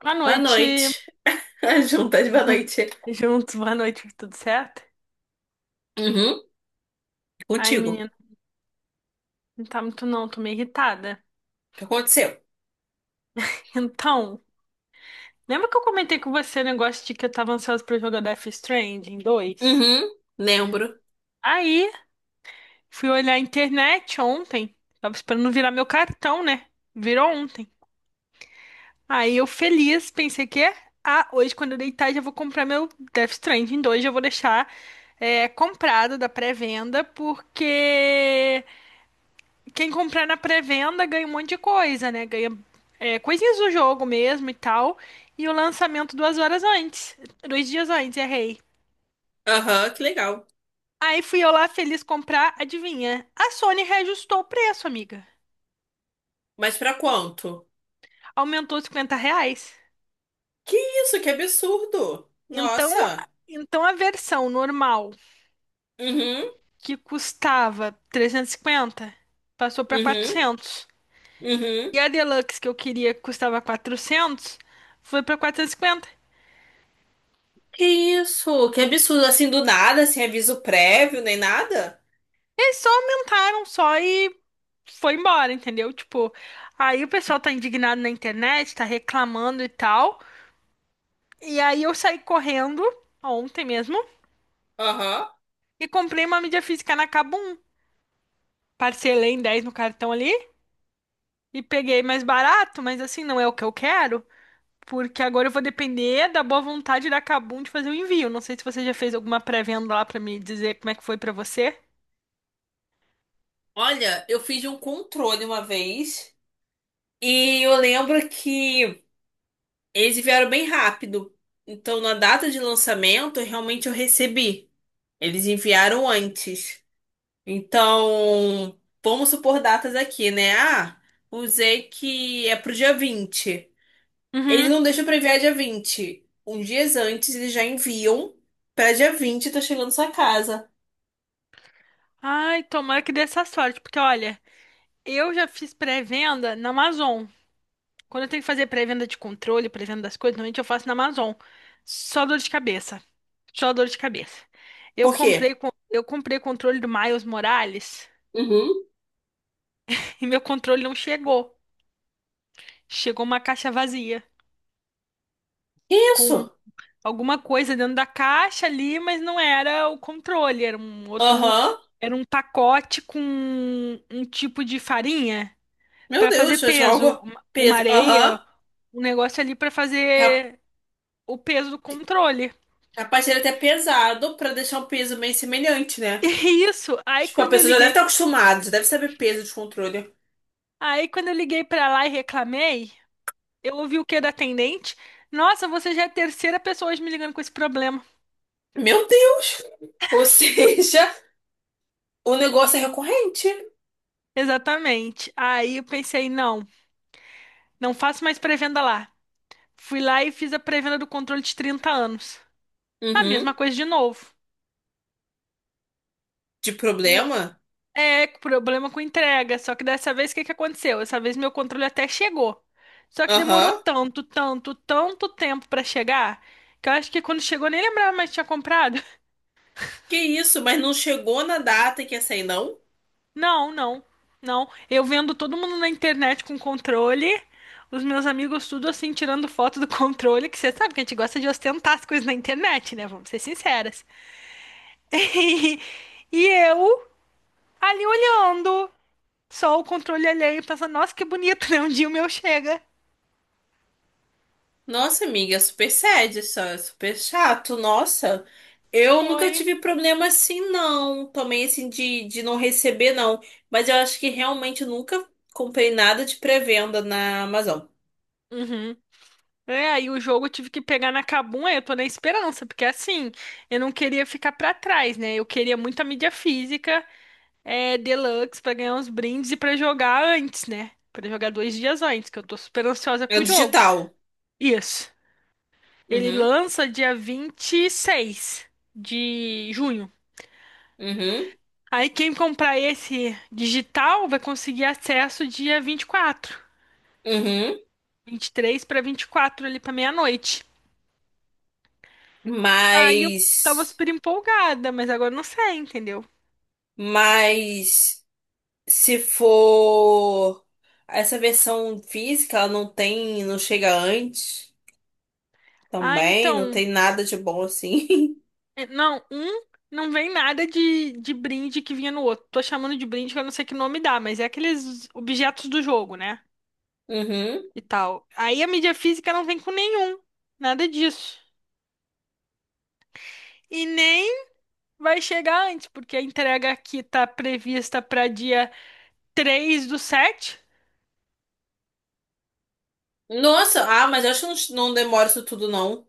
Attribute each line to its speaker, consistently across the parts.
Speaker 1: Boa
Speaker 2: Boa
Speaker 1: noite.
Speaker 2: noite. As juntas, boa noite.
Speaker 1: Juntos, boa noite, tudo certo?
Speaker 2: Uhum,
Speaker 1: Ai,
Speaker 2: contigo.
Speaker 1: menina, não tá muito não, tô meio irritada.
Speaker 2: O que aconteceu?
Speaker 1: Então, lembra que eu comentei com você o negócio de que eu tava ansiosa pra jogar Death Stranding 2?
Speaker 2: Uhum, lembro.
Speaker 1: Aí, fui olhar a internet ontem, tava esperando virar meu cartão, né? Virou ontem. Aí eu feliz, pensei que, ah, hoje quando eu deitar já vou comprar meu Death Stranding 2, já vou deixar comprado da pré-venda, porque quem comprar na pré-venda ganha um monte de coisa, né? Ganha coisinhas do jogo mesmo e tal. E o lançamento 2 horas antes. Dois dias antes, errei.
Speaker 2: Aham, que legal.
Speaker 1: Aí fui eu lá feliz comprar, adivinha? A Sony reajustou o preço, amiga.
Speaker 2: Mas pra quanto?
Speaker 1: Aumentou R$ 50.
Speaker 2: Que isso, que absurdo.
Speaker 1: Então,
Speaker 2: Nossa.
Speaker 1: então a versão normal,
Speaker 2: Uhum,
Speaker 1: que custava 350, passou para
Speaker 2: uhum,
Speaker 1: 400. E
Speaker 2: uhum.
Speaker 1: a Deluxe, que eu queria, que custava 400, foi para 450.
Speaker 2: Que isso, que absurdo. Assim, do nada, sem aviso prévio, nem nada.
Speaker 1: Eles só aumentaram só e foi embora, entendeu? Tipo, aí o pessoal tá indignado na internet, tá reclamando e tal. E aí eu saí correndo, ontem mesmo,
Speaker 2: Aham.
Speaker 1: e comprei uma mídia física na Kabum. Parcelei em 10 no cartão ali e peguei mais barato, mas assim, não é o que eu quero. Porque agora eu vou depender da boa vontade da Kabum de fazer o envio. Não sei se você já fez alguma pré-venda lá pra me dizer como é que foi pra você.
Speaker 2: Olha, eu fiz um controle uma vez e eu lembro que eles vieram bem rápido. Então, na data de lançamento, realmente eu recebi. Eles enviaram antes. Então, vamos supor datas aqui, né? Usei que é pro dia 20. Eles
Speaker 1: Uhum.
Speaker 2: não deixam pra enviar dia 20. Uns dias antes, eles já enviam pra dia 20 tá chegando sua casa.
Speaker 1: Ai, tomara que dê essa sorte, porque olha, eu já fiz pré-venda na Amazon. Quando eu tenho que fazer pré-venda de controle, pré-venda das coisas, normalmente eu faço na Amazon. Só dor de cabeça. Só dor de cabeça. Eu
Speaker 2: Por quê?
Speaker 1: comprei, eu comprei controle do Miles Morales
Speaker 2: Uhum.
Speaker 1: e meu controle não chegou. Chegou uma caixa vazia,
Speaker 2: Que isso.
Speaker 1: com alguma coisa dentro da caixa ali, mas não era o controle, era um outro,
Speaker 2: Aham.
Speaker 1: era um pacote com um tipo de farinha
Speaker 2: Meu
Speaker 1: para fazer
Speaker 2: Deus, eu acho
Speaker 1: peso,
Speaker 2: algo
Speaker 1: uma
Speaker 2: peso.
Speaker 1: areia,
Speaker 2: Aham.
Speaker 1: um negócio ali para
Speaker 2: Ca-
Speaker 1: fazer o peso do controle.
Speaker 2: Capaz de ele é até pesado pra deixar um peso meio semelhante, né?
Speaker 1: Isso. Aí
Speaker 2: Tipo, a
Speaker 1: quando eu
Speaker 2: pessoa já deve
Speaker 1: liguei,
Speaker 2: estar acostumada, já deve saber peso de controle.
Speaker 1: aí quando eu liguei pra lá e reclamei, eu ouvi o que da atendente? Nossa, você já é a terceira pessoa hoje me ligando com esse problema.
Speaker 2: Meu Deus! Ou seja, o negócio é recorrente.
Speaker 1: Exatamente. Aí eu pensei, não, não faço mais pré-venda lá. Fui lá e fiz a pré-venda do controle de 30 anos. A
Speaker 2: Uhum.
Speaker 1: mesma coisa de novo.
Speaker 2: De
Speaker 1: Ma-
Speaker 2: problema?
Speaker 1: Problema com entrega. Só que dessa vez o que que aconteceu? Dessa vez meu controle até chegou. Só que demorou
Speaker 2: Aham.
Speaker 1: tanto, tanto, tanto tempo pra chegar, que eu acho que quando chegou eu nem lembrava mais que tinha comprado.
Speaker 2: Que isso, mas não chegou na data que ia sair, não?
Speaker 1: Não, não, não. Eu vendo todo mundo na internet com controle, os meus amigos tudo assim tirando foto do controle, que você sabe que a gente gosta de ostentar as coisas na internet, né? Vamos ser sinceras. Eu ali olhando, só o controle alheio, pensando, nossa, que bonito, né? Um dia o meu chega.
Speaker 2: Nossa, amiga, é super sad, isso é super chato. Nossa, eu nunca
Speaker 1: Foi.
Speaker 2: tive problema assim, não. Também, assim, de não receber, não. Mas eu acho que realmente eu nunca comprei nada de pré-venda na Amazon.
Speaker 1: Uhum. É, aí o jogo eu tive que pegar na Kabum, aí eu tô na esperança, porque assim, eu não queria ficar pra trás, né? Eu queria muita mídia física, Deluxe pra ganhar uns brindes e pra jogar antes, né? Pra jogar 2 dias antes, que eu tô super ansiosa
Speaker 2: É
Speaker 1: com o jogo.
Speaker 2: digital.
Speaker 1: Isso. Ele
Speaker 2: Uhum,
Speaker 1: lança dia 26 de junho.
Speaker 2: uhum,
Speaker 1: Aí quem comprar esse digital vai conseguir acesso dia
Speaker 2: uhum.
Speaker 1: 23 para 24 ali para meia-noite. Aí eu tava
Speaker 2: Mas,
Speaker 1: super empolgada, mas agora não sei, entendeu?
Speaker 2: mas se for essa versão física, ela não tem, não chega antes
Speaker 1: Ah,
Speaker 2: também, não
Speaker 1: então,
Speaker 2: tem nada de bom assim.
Speaker 1: É, Não, um não vem nada de brinde que vinha no outro. Tô chamando de brinde que eu não sei que nome dá, mas é aqueles objetos do jogo, né?
Speaker 2: Uhum.
Speaker 1: E tal. Aí a mídia física não vem com nenhum, nada disso. E nem vai chegar antes, porque a entrega aqui tá prevista para dia 03/07.
Speaker 2: Nossa, ah, mas eu acho que não, não demora isso tudo não.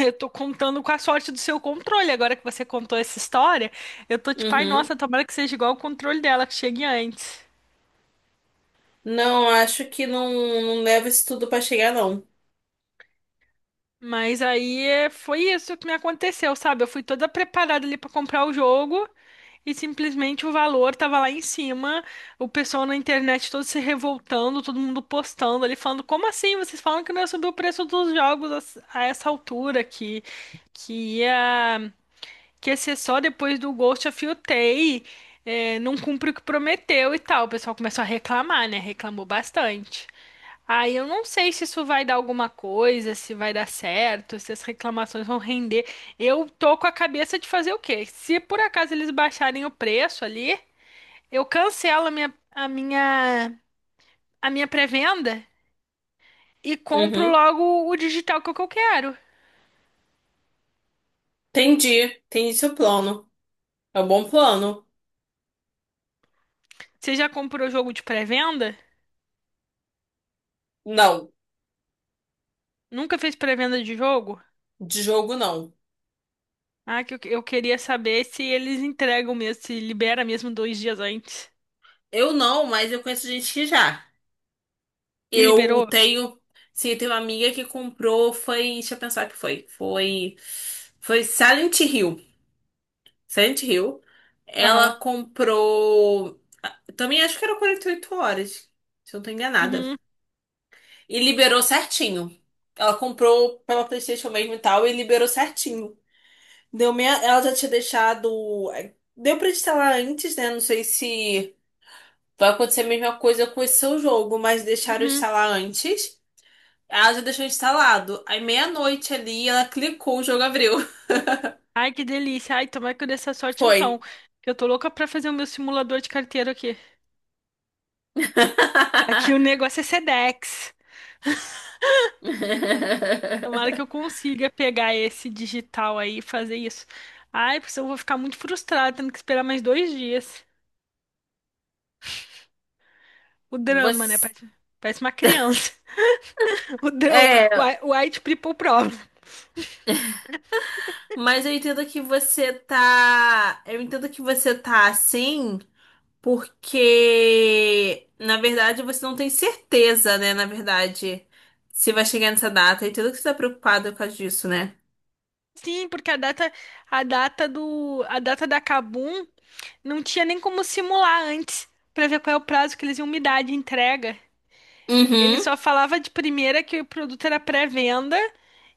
Speaker 1: Eu tô contando com a sorte do seu controle. Agora que você contou essa história, eu tô tipo, ai,
Speaker 2: Uhum.
Speaker 1: nossa, tomara que seja igual o controle dela, que chegue antes.
Speaker 2: Não, acho que não, não leva isso tudo pra chegar não.
Speaker 1: Mas aí é, foi isso que me aconteceu, sabe? Eu fui toda preparada ali pra comprar o jogo e simplesmente o valor tava lá em cima, o pessoal na internet todo se revoltando, todo mundo postando ali, falando: como assim? Vocês falam que não ia subir o preço dos jogos a essa altura aqui? Que ia, que ia ser só depois do Ghost of Yotei, não cumpre o que prometeu e tal. O pessoal começou a reclamar, né? Reclamou bastante. Ah, eu não sei se isso vai dar alguma coisa, se vai dar certo, se as reclamações vão render. Eu tô com a cabeça de fazer o quê? Se por acaso eles baixarem o preço ali, eu cancelo a minha pré-venda e compro
Speaker 2: Uhum.
Speaker 1: logo o digital que é o que eu quero.
Speaker 2: Entendi, entendi seu plano. É um bom plano.
Speaker 1: Você já comprou jogo de pré-venda?
Speaker 2: Não,
Speaker 1: Nunca fez pré-venda de jogo?
Speaker 2: de jogo não.
Speaker 1: Ah, que eu queria saber se eles entregam mesmo, se libera mesmo 2 dias antes.
Speaker 2: Eu não, mas eu conheço gente que já.
Speaker 1: E
Speaker 2: Eu
Speaker 1: liberou?
Speaker 2: tenho. Sim, eu tenho uma amiga que comprou. Foi. Deixa eu pensar o que foi. Foi. Foi Silent Hill. Silent Hill.
Speaker 1: Aham.
Speaker 2: Ela comprou. Também acho que era 48 horas. Se eu não tô enganada.
Speaker 1: Uhum,
Speaker 2: E liberou certinho. Ela comprou pela PlayStation mesmo e tal. E liberou certinho. Deu meia... Ela já tinha deixado. Deu pra instalar antes, né? Não sei se vai acontecer a mesma coisa com esse seu jogo, mas deixaram
Speaker 1: uhum.
Speaker 2: instalar antes. Ela já deixou instalado. Aí meia-noite ali, ela clicou, o jogo abriu.
Speaker 1: Ai, que delícia. Ai, tomara que eu dê essa sorte
Speaker 2: Foi.
Speaker 1: então. Que eu tô louca pra fazer o meu simulador de carteiro aqui. Aqui o negócio é Sedex. Tomara que eu consiga pegar esse digital aí e fazer isso. Ai, porque senão eu vou ficar muito frustrada, tendo que esperar mais 2 dias. O drama, né?
Speaker 2: Você...
Speaker 1: Parece, parece uma criança. O, dra- o
Speaker 2: É,
Speaker 1: o White People Problem.
Speaker 2: mas eu entendo que você tá. Eu entendo que você tá assim, porque na verdade você não tem certeza, né? Na verdade, se vai chegar nessa data. Eu entendo que você tá preocupado por causa disso, né?
Speaker 1: Sim, porque a data da Kabum não tinha nem como simular antes pra ver qual é o prazo que eles iam me dar de entrega. Ele
Speaker 2: Uhum.
Speaker 1: só falava de primeira que o produto era pré-venda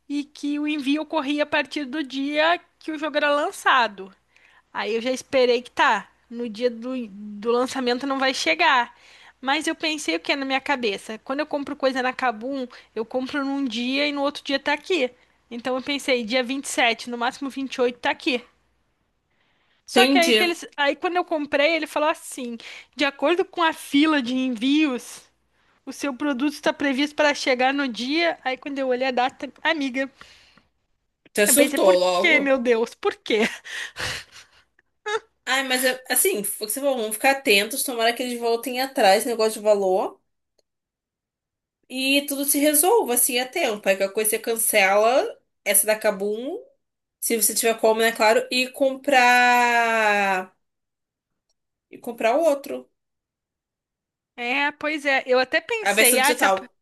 Speaker 1: e que o envio ocorria a partir do dia que o jogo era lançado. Aí eu já esperei que tá, no dia do lançamento não vai chegar. Mas eu pensei o que é na minha cabeça? Quando eu compro coisa na Kabum, eu compro num dia e no outro dia tá aqui. Então eu pensei, dia 27, no máximo 28 tá aqui. Só que aí
Speaker 2: Entendi.
Speaker 1: quando eu comprei, ele falou assim: de acordo com a fila de envios. O seu produto está previsto para chegar no dia. Aí quando eu olhei a data, amiga,
Speaker 2: Você
Speaker 1: eu pensei, por
Speaker 2: surtou
Speaker 1: quê,
Speaker 2: logo.
Speaker 1: meu Deus? Por quê?
Speaker 2: Ai, assim, foi o que você falou, vamos ficar atentos, tomara que eles voltem atrás, né, negócio de valor, e tudo se resolva, assim, a tempo. Aí qualquer coisa você cancela essa da Kabum, se você tiver como, né, claro, e comprar. E comprar outro.
Speaker 1: É, pois é, eu até
Speaker 2: A versão
Speaker 1: pensei, ah, se ap-
Speaker 2: digital.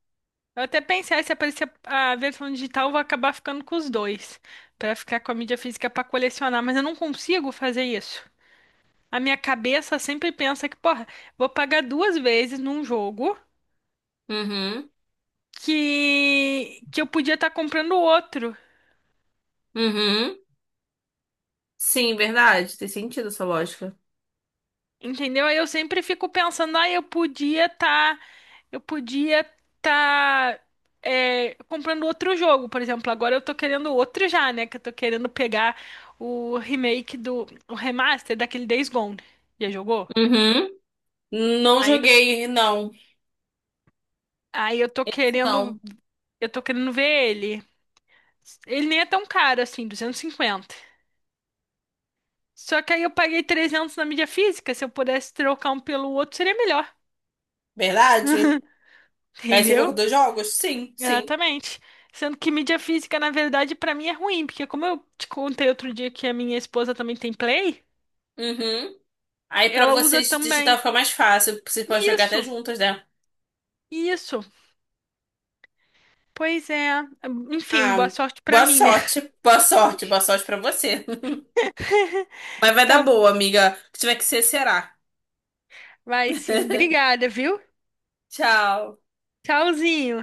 Speaker 1: eu até pensei, ah, se aparecer a versão digital, eu vou acabar ficando com os dois, para ficar com a mídia física para colecionar, mas eu não consigo fazer isso. A minha cabeça sempre pensa que, porra, vou pagar 2 vezes num jogo
Speaker 2: Uhum,
Speaker 1: que eu podia estar comprando outro.
Speaker 2: uhum. Sim, verdade. Tem sentido essa lógica.
Speaker 1: Entendeu? Aí eu sempre fico pensando, ah, eu podia estar comprando outro jogo, por exemplo. Agora eu tô querendo outro já, né? Que eu tô querendo pegar o remaster daquele Days Gone. Já jogou?
Speaker 2: Uhum. Não
Speaker 1: Aí, eu-
Speaker 2: joguei, não.
Speaker 1: aí
Speaker 2: Esse não.
Speaker 1: eu tô querendo ver ele. Ele nem é tão caro assim, 250. Só que aí eu paguei 300 na mídia física. Se eu pudesse trocar um pelo outro, seria melhor.
Speaker 2: Verdade? Aí você viu
Speaker 1: Entendeu?
Speaker 2: com dois jogos? Sim, sim.
Speaker 1: Exatamente. Sendo que mídia física, na verdade, pra mim é ruim, porque como eu te contei outro dia que a minha esposa também tem Play,
Speaker 2: Uhum. Aí pra
Speaker 1: ela usa
Speaker 2: vocês digitar
Speaker 1: também.
Speaker 2: fica mais fácil, vocês podem jogar até
Speaker 1: Isso,
Speaker 2: juntas, né?
Speaker 1: isso. Pois é. Enfim,
Speaker 2: Ah,
Speaker 1: boa sorte pra
Speaker 2: boa
Speaker 1: mim, né?
Speaker 2: sorte, boa sorte, boa sorte pra você. Mas vai dar
Speaker 1: Tá,
Speaker 2: boa, amiga. O que tiver que ser, será.
Speaker 1: vai sim. Obrigada, viu?
Speaker 2: Tchau.
Speaker 1: Tchauzinho.